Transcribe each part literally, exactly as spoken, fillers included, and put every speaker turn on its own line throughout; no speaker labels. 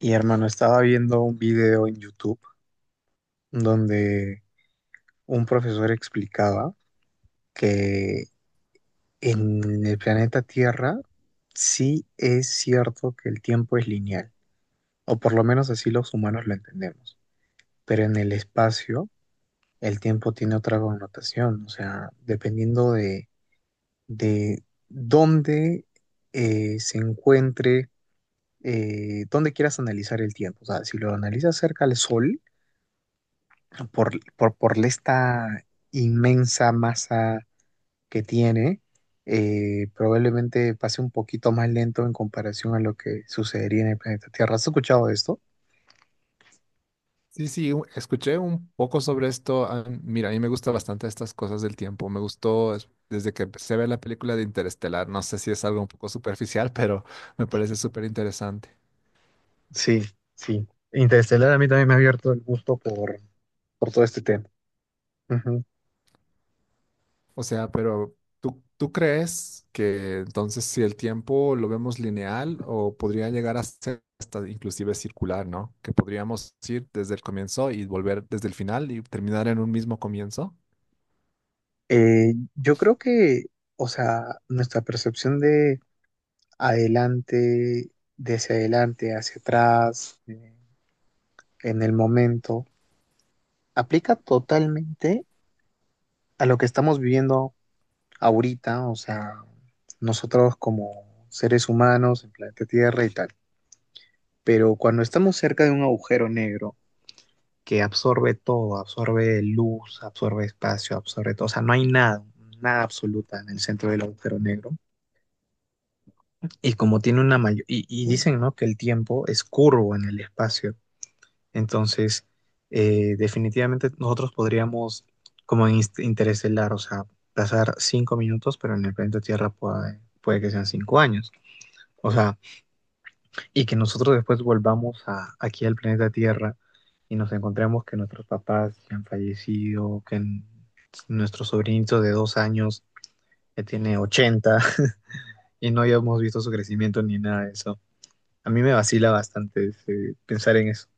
Y hermano, estaba viendo un video en YouTube donde un profesor explicaba que en el planeta Tierra sí es cierto que el tiempo es lineal, o por lo menos así los humanos lo entendemos, pero en el espacio el tiempo tiene otra connotación, o sea, dependiendo de, de dónde eh, se encuentre, eh, dónde quieras analizar el tiempo, o sea, si lo analizas cerca al Sol, por, por, por esta inmensa masa que tiene, eh, probablemente pase un poquito más lento en comparación a lo que sucedería en el planeta Tierra. ¿Has escuchado esto?
Sí, sí, u- escuché un poco sobre esto. ah, Mira, a mí me gusta bastante estas cosas del tiempo. Me gustó es- desde que empecé a ver la película de Interestelar. No sé si es algo un poco superficial, pero me parece súper interesante.
Sí, sí. Interestelar a mí también me ha abierto el gusto por, por todo este tema. Ujú.
O sea, pero ¿tú, tú crees que entonces si el tiempo lo vemos lineal o podría llegar a ser hasta inclusive circular, ¿no? Que podríamos ir desde el comienzo y volver desde el final y terminar en un mismo comienzo.
Eh, yo creo que, o sea, nuestra percepción de adelante, de hacia adelante, hacia atrás, eh, en el momento, aplica totalmente a lo que estamos viviendo ahorita, o sea, nosotros como seres humanos en planeta Tierra y tal. Pero cuando estamos cerca de un agujero negro que absorbe todo, absorbe luz, absorbe espacio, absorbe todo, o sea, no hay nada, nada absoluta en el centro del agujero negro. Y como tiene una mayor, y, y dicen, ¿no? Que el tiempo es curvo en el espacio. Entonces, eh, definitivamente nosotros podríamos, como en inst- interestelar, o sea, pasar cinco minutos, pero en el planeta Tierra puede, puede que sean cinco años. O sea, y que nosotros después volvamos a, aquí al planeta Tierra y nos encontremos que nuestros papás ya han fallecido, que n- nuestro sobrinito de dos años ya tiene ochenta y no hayamos visto su crecimiento ni nada de eso. A mí me vacila bastante ese- pensar en eso.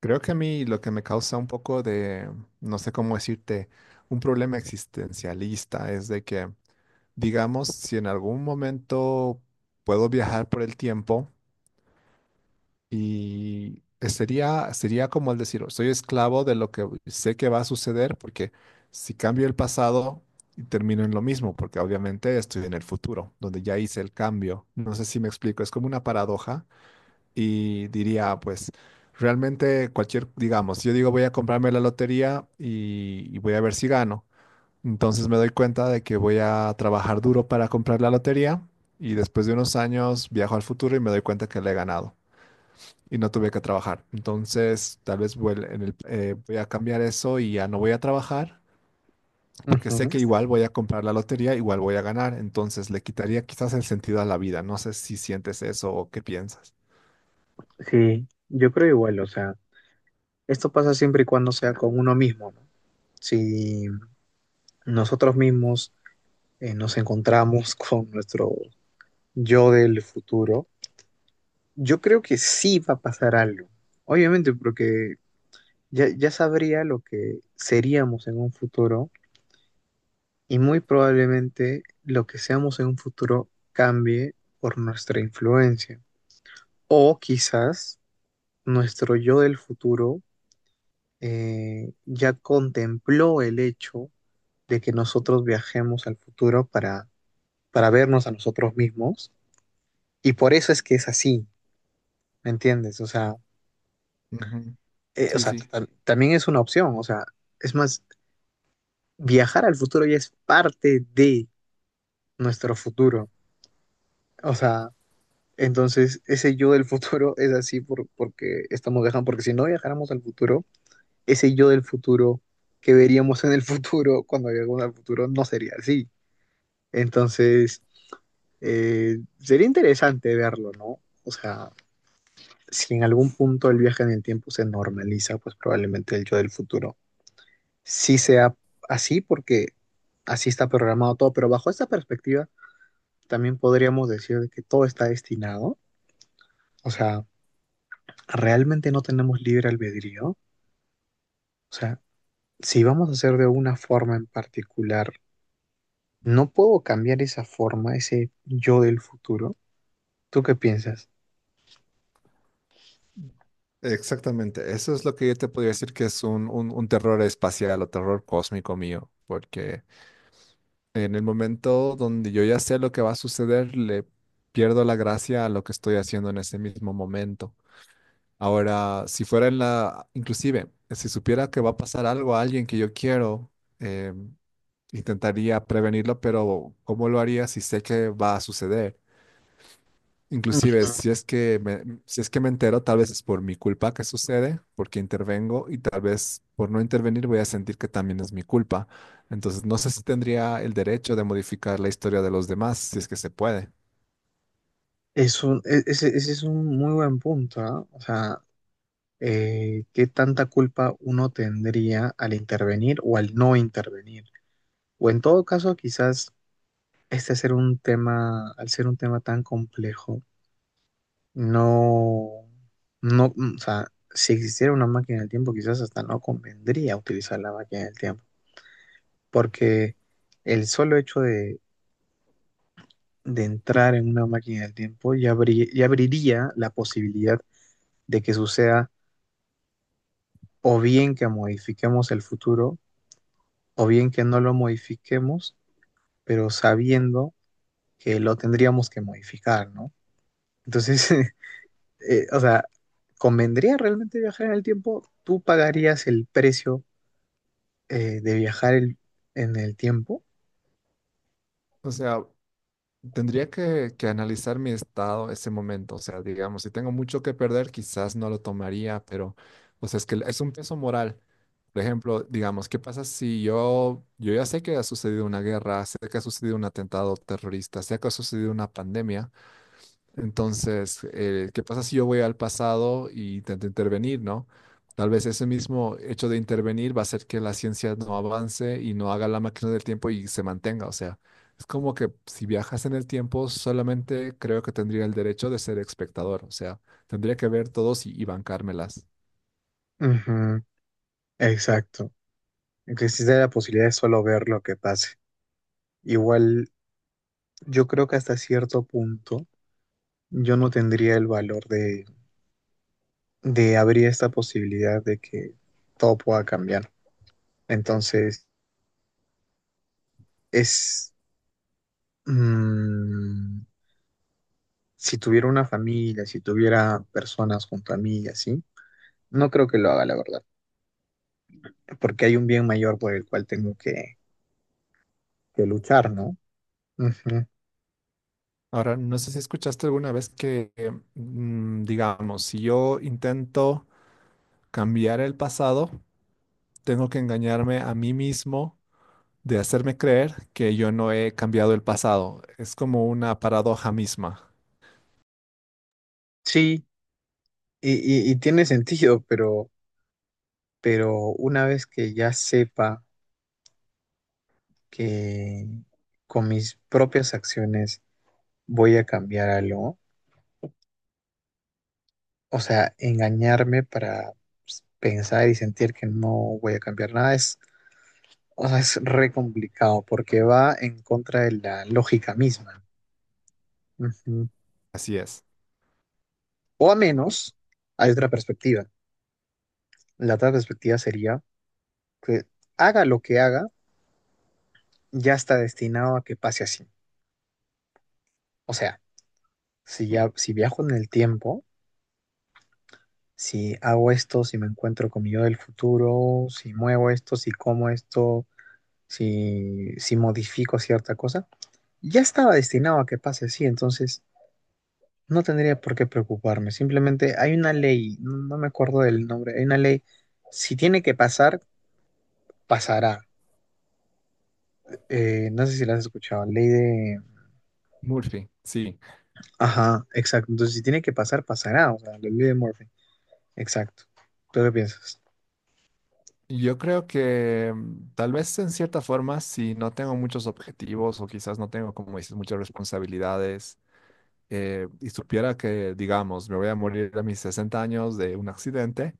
Creo que a mí lo que me causa un poco de, no sé cómo decirte, un problema existencialista es de que, digamos, si en algún momento puedo viajar por el tiempo y sería, sería como el decir, soy esclavo de lo que sé que va a suceder, porque si cambio el pasado, termino en lo mismo, porque obviamente estoy en el futuro, donde ya hice el cambio. No sé si me explico, es como una paradoja y diría, pues realmente cualquier, digamos, si yo digo voy a comprarme la lotería y, y voy a ver si gano. Entonces me doy cuenta de que voy a trabajar duro para comprar la lotería y después de unos años viajo al futuro y me doy cuenta que la he ganado y no tuve que trabajar. Entonces tal vez vuel- en el- eh, voy a cambiar eso y ya no voy a trabajar. Porque
Ujú.
sé que igual voy a comprar la lotería, igual voy a ganar, entonces le quitaría quizás el sentido a la vida. No sé si sientes eso o qué piensas.
Sí, yo creo igual, o sea, esto pasa siempre y cuando sea con uno mismo, ¿no? Si nosotros mismos eh, nos encontramos con nuestro yo del futuro, yo creo que sí va a pasar algo. Obviamente, porque ya, ya sabría lo que seríamos en un futuro y muy probablemente lo que seamos en un futuro cambie por nuestra influencia. O quizás nuestro yo del futuro eh, ya contempló el hecho de que nosotros viajemos al futuro para, para vernos a nosotros mismos y por eso es que es así, ¿me entiendes? O sea,
Ujú.
eh, o
Sí,
sea,
sí.
tam- también es una opción, o sea, es más, viajar al futuro ya es parte de nuestro futuro. O sea, entonces ese yo del futuro es así por, porque estamos viajando, porque si no viajáramos al futuro, ese yo del futuro que veríamos en el futuro cuando lleguemos al futuro no sería así. Entonces, eh, sería interesante verlo, ¿no? O sea, si en algún punto el viaje en el tiempo se normaliza, pues probablemente el yo del futuro sí sea así porque así está programado todo, pero bajo esta perspectiva también podríamos decir de que todo está destinado. O sea, realmente no tenemos libre albedrío. O sea, si vamos a hacer de una forma en particular, no puedo cambiar esa forma, ese yo del futuro. ¿Tú qué piensas?
Exactamente, eso es lo que yo te podría decir que es un, un- un terror espacial o terror cósmico mío, porque en el momento donde yo ya sé lo que va a suceder, le pierdo la gracia a lo que estoy haciendo en ese mismo momento. Ahora, si fuera en la, inclusive, si supiera que va a pasar algo a alguien que yo quiero, eh, intentaría prevenirlo, pero ¿cómo lo haría si sé que va a suceder? Inclusive,
Ujú.
si es que me, si es que me entero, tal vez es por mi culpa que sucede, porque intervengo y tal vez por no intervenir voy a sentir que también es mi culpa. Entonces, no sé si tendría el derecho de modificar la historia de los demás, si es que se puede.
Es un, e- ese, ese es un muy buen punto, ¿ah? O sea, eh, ¿qué tanta culpa uno tendría al intervenir o al no intervenir? O en todo caso, quizás este ser un tema, al ser un tema tan complejo, no, no, mm, o sea, si existiera una máquina del tiempo, quizás hasta no convendría utilizar la máquina del tiempo, porque el solo hecho de, de entrar en una máquina del tiempo ya, abri- ya abriría la posibilidad de que suceda o bien que modifiquemos el futuro, o bien que no lo modifiquemos, pero sabiendo que lo tendríamos que modificar, ¿no? Entonces, eh, o sea, ¿convendría realmente viajar en el tiempo? ¿Tú pagarías el precio? eh, de viajar el- en el tiempo.
O sea, Tendría que, que analizar mi estado ese momento, o sea, digamos, si tengo mucho que perder, quizás no lo tomaría, pero, o sea, es que es un peso moral. Por ejemplo, digamos, ¿qué pasa si yo, yo ya sé que ha sucedido una guerra, sé que ha sucedido un atentado terrorista, sé que ha sucedido una pandemia? Entonces, eh, ¿qué pasa si yo voy al pasado y intento intervenir, ¿no? Tal vez ese mismo hecho de intervenir va a hacer que la ciencia no avance y no haga la máquina del tiempo y se mantenga. O sea, es como que si viajas en el tiempo, solamente creo que tendría el derecho de ser espectador. O sea, tendría que ver todos y, y bancármelas.
Ujú, exacto. Existe la posibilidad de solo ver lo que pase. Igual, yo creo que hasta cierto punto yo no tendría el valor de, de abrir esta posibilidad de que todo pueda cambiar. Entonces, es... mm, si tuviera una familia, si tuviera personas junto a mí y así, no creo que lo haga, la verdad. Porque hay un bien mayor por el cual tengo que, que luchar, ¿no? Ujú.
Ahora, no sé si escuchaste alguna vez que, eh, mm, digamos, si yo intento cambiar el pasado, tengo que engañarme a mí mismo de hacerme creer que yo no he cambiado el pasado. Es como una paradoja misma.
Sí, Y, y- y tiene sentido, pero, pero una vez que ya sepa que con mis propias acciones voy a cambiar algo, o sea, engañarme para, pues, pensar y sentir que no voy a cambiar nada es, o sea, es re complicado porque va en contra de la lógica misma. Ujú.
Así es.
O a menos, hay otra perspectiva. La otra perspectiva sería que haga lo que haga, ya está destinado a que pase así. O sea, Si ya, si viajo en el tiempo, si hago esto, si me encuentro con mi yo del futuro, si muevo esto, si como esto, si, si modifico cierta cosa, ya estaba destinado a que pase así, entonces no tendría por qué preocuparme. Simplemente hay una ley, no, no me acuerdo del nombre, hay una ley, si tiene que pasar, pasará. Eh, no sé si la has escuchado, ley de...
Murphy, sí.
Ajá, exacto. Entonces, si tiene que pasar, pasará, o sea, la ley de Murphy. Exacto. ¿Tú qué piensas?
Yo creo que mm, tal vez en cierta forma, si no tengo muchos objetivos o quizás no tengo, como dices, muchas responsabilidades eh, y supiera que, digamos, me voy a morir a mis sesenta años de un accidente,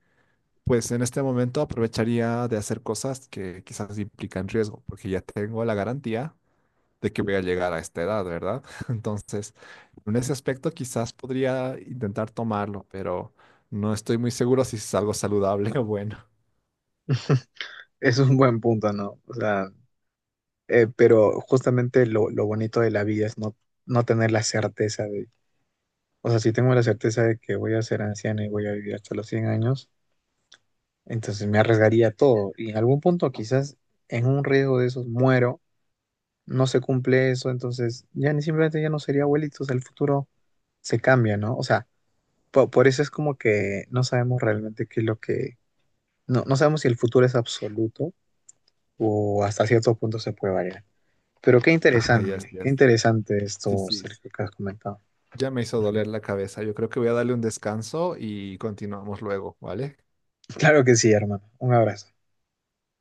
pues en este momento aprovecharía de hacer cosas que quizás implican riesgo, porque ya tengo la garantía de que voy a llegar a esta edad, ¿verdad? Entonces, en ese aspecto quizás podría intentar tomarlo, pero no estoy muy seguro si es algo saludable o bueno.
Eso es un buen punto, ¿no? O sea, eh, pero justamente lo, lo bonito de la vida es no, no tener la certeza de, o sea, si tengo la certeza de que voy a ser anciano y voy a vivir hasta los cien años, entonces me arriesgaría todo. Y en algún punto quizás en un riesgo de esos muero, no se cumple eso, entonces ya ni simplemente ya no sería abuelito, o sea, el futuro se cambia, ¿no? O sea, po- por eso es como que no sabemos realmente qué es lo que, no, no sabemos si el futuro es absoluto o hasta cierto punto se puede variar. Pero qué
Ajá, yes,
interesante, qué
yes.
interesante
Sí,
esto,
sí.
Sergio, que has comentado.
Ya me hizo doler la cabeza. Yo creo que voy a darle un descanso y continuamos luego, ¿vale?
Claro que sí, hermano. Un abrazo.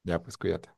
Ya, pues cuídate.